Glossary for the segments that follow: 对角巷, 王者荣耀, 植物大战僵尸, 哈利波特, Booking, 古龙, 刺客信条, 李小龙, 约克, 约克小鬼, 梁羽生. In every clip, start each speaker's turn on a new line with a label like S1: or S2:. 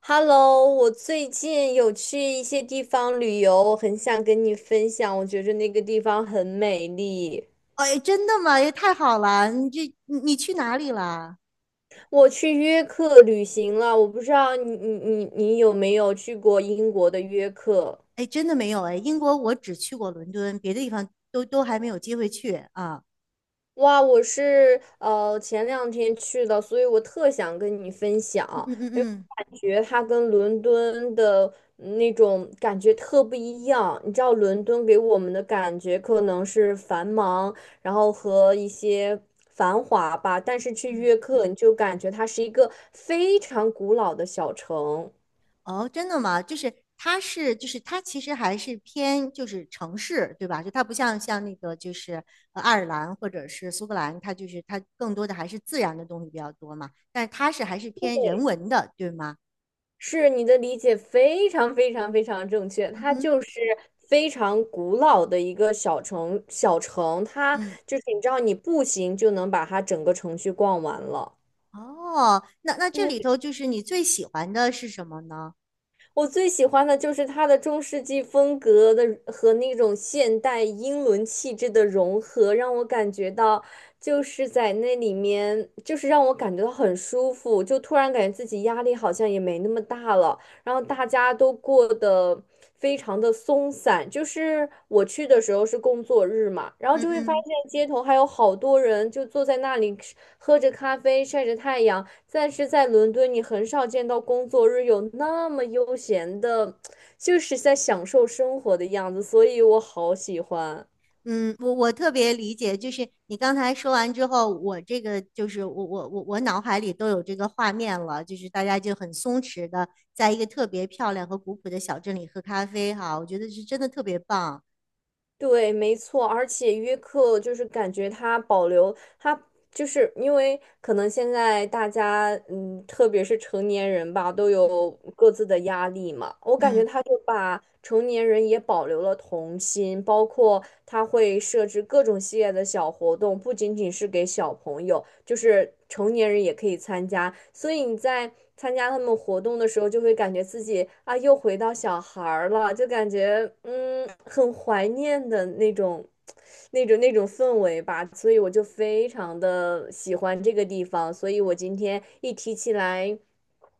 S1: Hello，我最近有去一些地方旅游，我很想跟你分享，我觉着那个地方很美丽。
S2: 哎，真的吗？也太好了！你这你你去哪里了？
S1: 我去约克旅行了，我不知道你有没有去过英国的约克？
S2: 哎，真的没有哎，英国我只去过伦敦，别的地方都还没有机会去啊。
S1: 哇，我是前两天去的，所以我特想跟你分享，
S2: 嗯嗯嗯
S1: 因为
S2: 嗯
S1: 我感觉它跟伦敦的那种感觉特不一样。你知道，伦敦给我们的感觉可能是繁忙，然后和一些繁华吧，但是去
S2: 嗯，
S1: 约克你就感觉它是一个非常古老的小城。
S2: 哦，真的吗？它其实还是偏就是城市对吧？就它不像爱尔兰或者是苏格兰，它就是它更多的还是自然的东西比较多嘛。但是它是还是偏人文的对吗？
S1: 是你的理解非常正确，
S2: 嗯
S1: 它
S2: 哼
S1: 就是非常古老的一个小城，它
S2: 嗯，
S1: 就是你知道，你步行就能把它整个城区逛完了。
S2: 哦，那这里头就是你最喜欢的是什么呢？
S1: 我最喜欢的就是它的中世纪风格的和那种现代英伦气质的融合，让我感觉到就是在那里面，就是让我感觉到很舒服，就突然感觉自己压力好像也没那么大了。然后大家都过得非常的松散。就是我去的时候是工作日嘛，然后
S2: 嗯
S1: 就会发
S2: 嗯
S1: 现街头还有好多人就坐在那里吃喝着咖啡，晒着太阳。但是在伦敦，你很少见到工作日有那么悠闲的，就是在享受生活的样子，所以我好喜欢。
S2: 嗯，我特别理解，就是你刚才说完之后，我这个就是我我我我脑海里都有这个画面了，就是大家就很松弛的，在一个特别漂亮和古朴的小镇里喝咖啡哈，我觉得是真的特别棒。
S1: 对，没错，而且约克就是感觉它保留它就是因为可能现在大家，嗯，特别是成年人吧，都有各自的压力嘛。我感觉
S2: 嗯。
S1: 他就把成年人也保留了童心，包括他会设置各种系列的小活动，不仅仅是给小朋友，就是成年人也可以参加。所以你在参加他们活动的时候，就会感觉自己啊，又回到小孩儿了，就感觉嗯，很怀念的那种那种氛围吧，所以我就非常的喜欢这个地方，所以我今天一提起来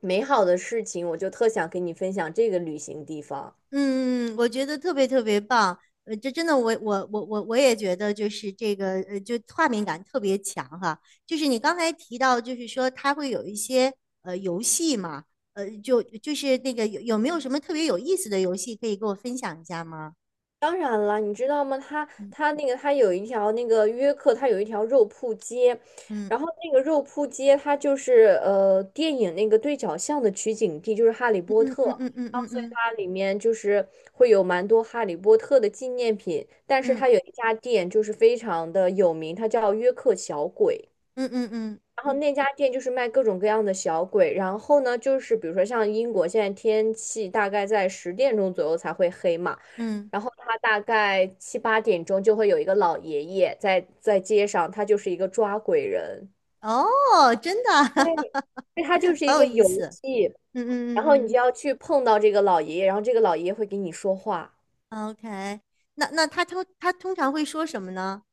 S1: 美好的事情，我就特想跟你分享这个旅行地方。
S2: 嗯，嗯嗯我觉得特别特别棒，这真的我也觉得就是这个，就画面感特别强哈。就是你刚才提到，就是说他会有一些游戏嘛，就是那个有没有什么特别有意思的游戏可以给我分享一下吗？
S1: 当然了，你知道吗？它
S2: 嗯
S1: 它那个它有一条那个约克，它有一条肉铺街，
S2: 嗯
S1: 然后那个肉铺街它就是电影那个对角巷的取景地，就是《哈利波
S2: 嗯
S1: 特》，
S2: 嗯嗯
S1: 然后
S2: 嗯
S1: 所以
S2: 嗯
S1: 它里面就是会有蛮多《哈利波特》的纪念品，但是
S2: 嗯
S1: 它有一家店就是非常的有名，它叫约克小鬼。
S2: 嗯嗯嗯嗯
S1: 然后那家店就是卖各种各样的小鬼，然后呢，就是比如说像英国现在天气大概在十点钟左右才会黑嘛，
S2: 嗯，
S1: 然后他大概七八点钟就会有一个老爷爷在街上，他就是一个抓鬼人，
S2: 哦，真的，
S1: 对，对，他就是一
S2: 好有
S1: 个
S2: 意
S1: 游
S2: 思。
S1: 戏，
S2: 嗯
S1: 然后你
S2: 嗯
S1: 就
S2: 嗯
S1: 要去碰到这个老爷爷，然后这个老爷爷会给你说话。
S2: 嗯，OK，那他通常会说什么呢？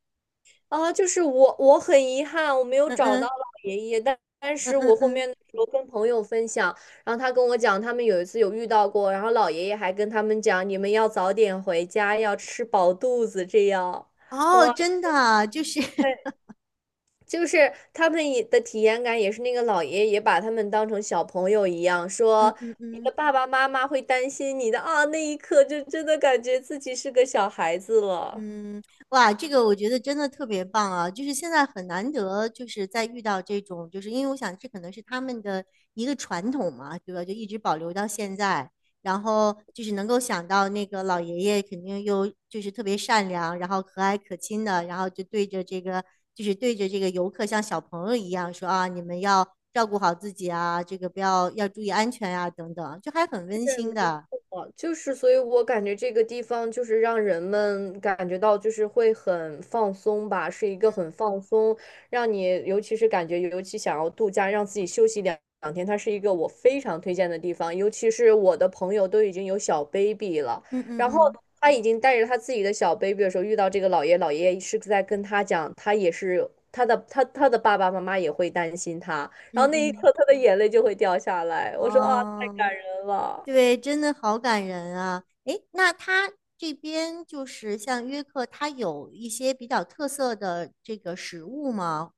S1: 啊，我很遗憾，我没有
S2: 嗯
S1: 找到
S2: 嗯
S1: 老爷爷，但但
S2: 嗯
S1: 是我
S2: 嗯
S1: 后
S2: 嗯。
S1: 面的时候跟朋友分享，然后他跟我讲，他们有一次有遇到过，然后老爷爷还跟他们讲，你们要早点回家，要吃饱肚子，这样，
S2: 哦，
S1: 哇，
S2: 真的啊就是，
S1: 塞，就是他们也的体验感也是那个老爷爷把他们当成小朋友一样，
S2: 嗯
S1: 说
S2: 嗯
S1: 你的
S2: 嗯
S1: 爸爸妈妈会担心你的啊，那一刻就真的感觉自己是个小孩子了。
S2: 嗯，哇，这个我觉得真的特别棒啊！就是现在很难得，就是在遇到这种，就是因为我想这可能是他们的一个传统嘛，对吧？就一直保留到现在，然后就是能够想到那个老爷爷肯定又就是特别善良，然后和蔼可亲的，然后就对着这个游客像小朋友一样说啊，你们要照顾好自己啊，这个不要要注意安全啊，等等，就还很温
S1: 是
S2: 馨
S1: 没
S2: 的。
S1: 错，就是，所以我感觉这个地方就是让人们感觉到就是会很放松吧，是一个很放松，让你尤其是感觉尤其想要度假，让自己休息两天，它是一个我非常推荐的地方，尤其是我的朋友都已经有小 baby 了，
S2: 嗯嗯
S1: 然后
S2: 嗯。
S1: 他已经带着他自己的小 baby 的时候，遇到老爷爷是在跟他讲，他他的爸爸妈妈也会担心他，然后
S2: 嗯
S1: 那一
S2: 嗯，
S1: 刻他的眼泪就会掉下来，我说啊，太
S2: 哦，
S1: 感人了。
S2: 对，真的好感人啊！诶，那他这边就是像约克，他有一些比较特色的这个食物吗？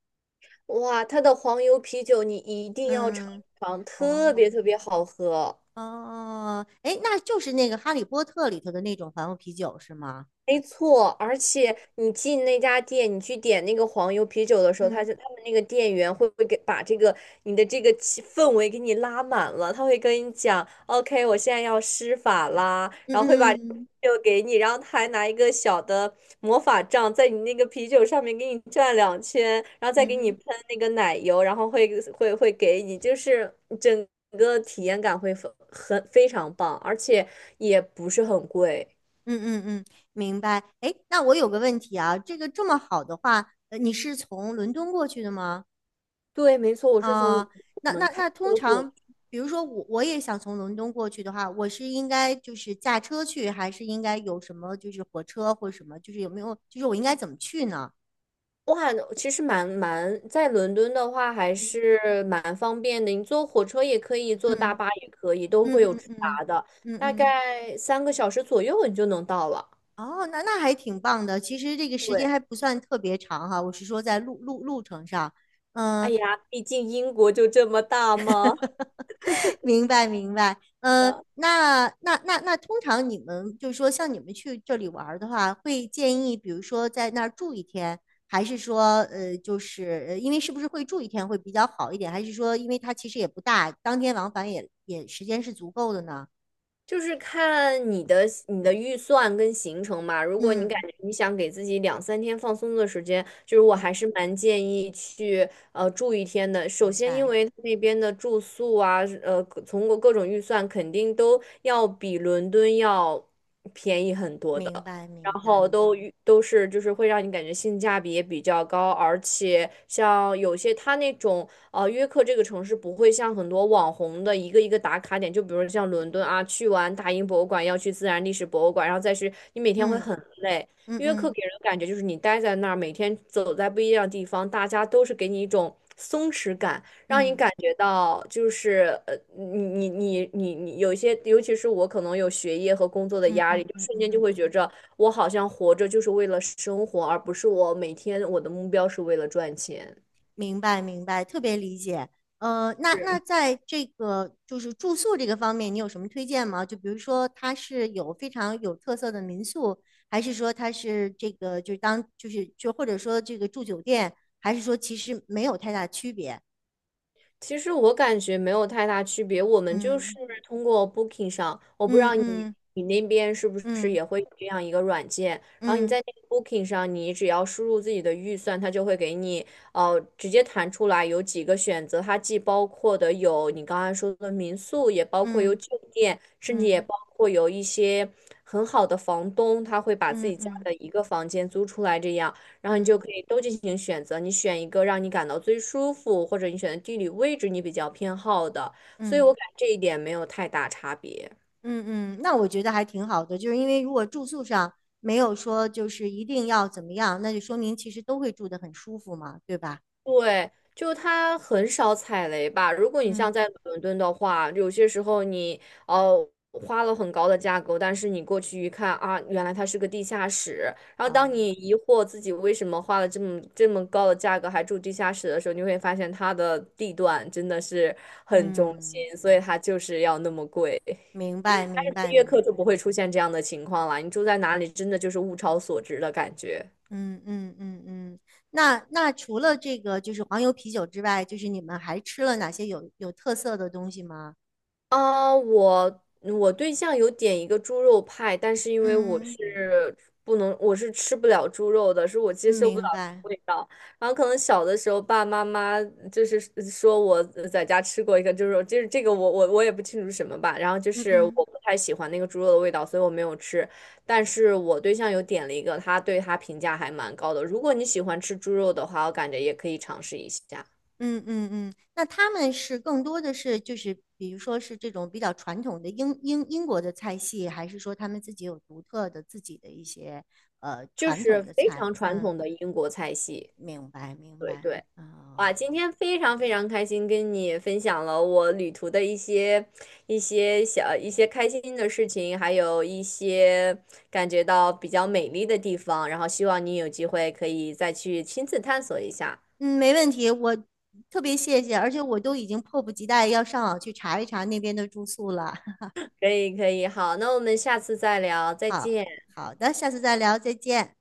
S1: 哇，它的黄油啤酒你一定要尝
S2: 嗯，
S1: 一尝，
S2: 哦
S1: 特别特别好喝。
S2: 哦，诶，那就是那个《哈利波特》里头的那种黄油啤酒是吗？
S1: 没错，而且你进那家店，你去点那个黄油啤酒的时候，他
S2: 嗯
S1: 就他们那个店员会给把这个你的这个气氛围给你拉满了，他会跟你讲，OK，我现在要施法啦，
S2: 嗯
S1: 然后会把这个啤
S2: 嗯
S1: 酒给你，然后他还拿一个小的魔法杖在你那个啤酒上面给你转两圈，然后再
S2: 嗯
S1: 给你
S2: 哼
S1: 喷那个奶油，然后会给你，就是整个体验感会很非常棒，而且也不是很贵。
S2: 嗯嗯嗯，明白。诶，那我有个问题啊，这个这么好的话，你是从伦敦过去的吗？
S1: 对，没错，我是从。
S2: 啊、那通
S1: 德国
S2: 常，比如说我也想从伦敦过去的话，我是应该就是驾车去，还是应该有什么就是火车或什么，就是有没有，就是我应该怎么去呢？
S1: 哇，其实蛮在伦敦的话还是蛮方便的，你坐火车也可以，坐大
S2: 嗯
S1: 巴也可以，都
S2: 嗯
S1: 会有
S2: 嗯
S1: 直达
S2: 嗯
S1: 的，
S2: 嗯
S1: 大
S2: 嗯，
S1: 概三个小时左右你就能到了。
S2: 哦，那那还挺棒的。其实这个时间
S1: 对，
S2: 还不算特别长哈，我是说在路程上，
S1: 哎
S2: 嗯、
S1: 呀，毕竟英国就这么大嘛。
S2: 明白明白，那那那那，通常你们就是说，像你们去这里玩儿的话，会建议，比如说在那儿住一天，还是说，因为是不是会住一天会比较好一点，还是说，因为它其实也不大，当天往返也时间是足够的呢？
S1: 就是看你的预算跟行程嘛。如果你感
S2: 嗯
S1: 觉你想给自己两三天放松的时间，就是我
S2: 嗯，
S1: 还是蛮建议去住一天的。首
S2: 明
S1: 先，因
S2: 白
S1: 为那边的住宿啊，呃，各从各各种预算肯定都要比伦敦要便宜很多的。
S2: 明白
S1: 然
S2: 明
S1: 后
S2: 白，
S1: 都是就是会让你感觉性价比也比较高，而且像有些它那种哦，约克这个城市不会像很多网红的一个打卡点，就比如像伦敦啊，去完大英博物馆要去自然历史博物馆，然后再是你每天会很累。
S2: 嗯
S1: 约克
S2: 嗯
S1: 给人的感觉就是你待在那儿，每天走在不一样的地方，大家都是给你一种松弛感，让你
S2: 嗯
S1: 感觉到就是你你有一些，尤其是我可能有学业和工作的
S2: 嗯
S1: 压
S2: 嗯嗯
S1: 力，
S2: 嗯
S1: 就
S2: 嗯嗯。嗯
S1: 瞬间
S2: 嗯
S1: 就会觉着我好像活着就是为了生活，而不是我每天我的目标是为了赚钱。
S2: 明白明白，特别理解。那那在这个就是住宿这个方面，你有什么推荐吗？就比如说它是有非常有特色的民宿，还是说它是这个就是当就是就或者说这个住酒店，还是说其实没有太大区别？
S1: 其实我感觉没有太大区别，我们就是
S2: 嗯
S1: 通过 Booking 上，我不知
S2: 嗯
S1: 道你
S2: 嗯
S1: 你那边是不是
S2: 嗯
S1: 也会有这样一个软件，然后你
S2: 嗯
S1: 在那个 Booking 上，你只要输入自己的预算，它就会给你直接弹出来有几个选择，它既包括的有你刚才说的民宿，也包括有
S2: 嗯
S1: 酒店，甚至也
S2: 嗯
S1: 包括有一些很好的房东，他会把自
S2: 嗯
S1: 己家
S2: 嗯
S1: 的一个房间租出来这样。
S2: 嗯
S1: 然后你就
S2: 嗯
S1: 可
S2: 嗯
S1: 以都进行选择，你选一个让你感到最舒服，或者你选的地理位置你比较偏好的，所以我
S2: 嗯。
S1: 感觉这一点没有太大差别。
S2: 嗯嗯，那我觉得还挺好的，就是因为如果住宿上没有说就是一定要怎么样，那就说明其实都会住得很舒服嘛，对吧？
S1: 对，就它很少踩雷吧。如果你
S2: 嗯，
S1: 像在伦敦的话，有些时候你哦花了很高的价格，但是你过去一看啊，原来它是个地下室。然后当
S2: 哦，
S1: 你疑惑自己为什么花了这么高的价格还住地下室的时候，你会发现它的地段真的是很中
S2: 嗯，
S1: 心，所以它就是要那么贵。
S2: 明白
S1: 但
S2: 明
S1: 是音
S2: 白
S1: 乐课
S2: 明
S1: 就
S2: 白，
S1: 不会出现这样的情况了。你住在哪里，真的就是物超所值的感觉。
S2: 嗯嗯嗯嗯，那那除了这个就是黄油啤酒之外，就是你们还吃了哪些有特色的东西吗？
S1: 啊，我对象有点一个猪肉派，但是因为
S2: 嗯，
S1: 我是吃不了猪肉的，是我接受不了
S2: 明
S1: 那
S2: 白，
S1: 个味道。然后可能小的时候，爸爸妈妈就是说我在家吃过一个猪肉，就是这个我也不清楚是什么吧。然后就
S2: 嗯
S1: 是我
S2: 嗯。
S1: 不太喜欢那个猪肉的味道，所以我没有吃。但是我对象有点了一个，他对他评价还蛮高的。如果你喜欢吃猪肉的话，我感觉也可以尝试一下，
S2: 嗯嗯嗯，那他们是更多的是就是比如说是这种比较传统的英国的菜系，还是说他们自己有独特的自己的一些
S1: 就
S2: 传
S1: 是
S2: 统的
S1: 非
S2: 菜？
S1: 常传
S2: 嗯，
S1: 统的英国菜系。
S2: 明白明
S1: 对
S2: 白。
S1: 对，哇，
S2: 哦，
S1: 今天非常非常开心跟你分享了我旅途的一些小一些开心的事情，还有一些感觉到比较美丽的地方，然后希望你有机会可以再去亲自探索一下。
S2: 嗯，没问题，我特别谢谢，而且我都已经迫不及待要上网去查一查那边的住宿了。
S1: 可以可以，好，那我们下次再聊，再
S2: 好
S1: 见。
S2: 好的，下次再聊，再见。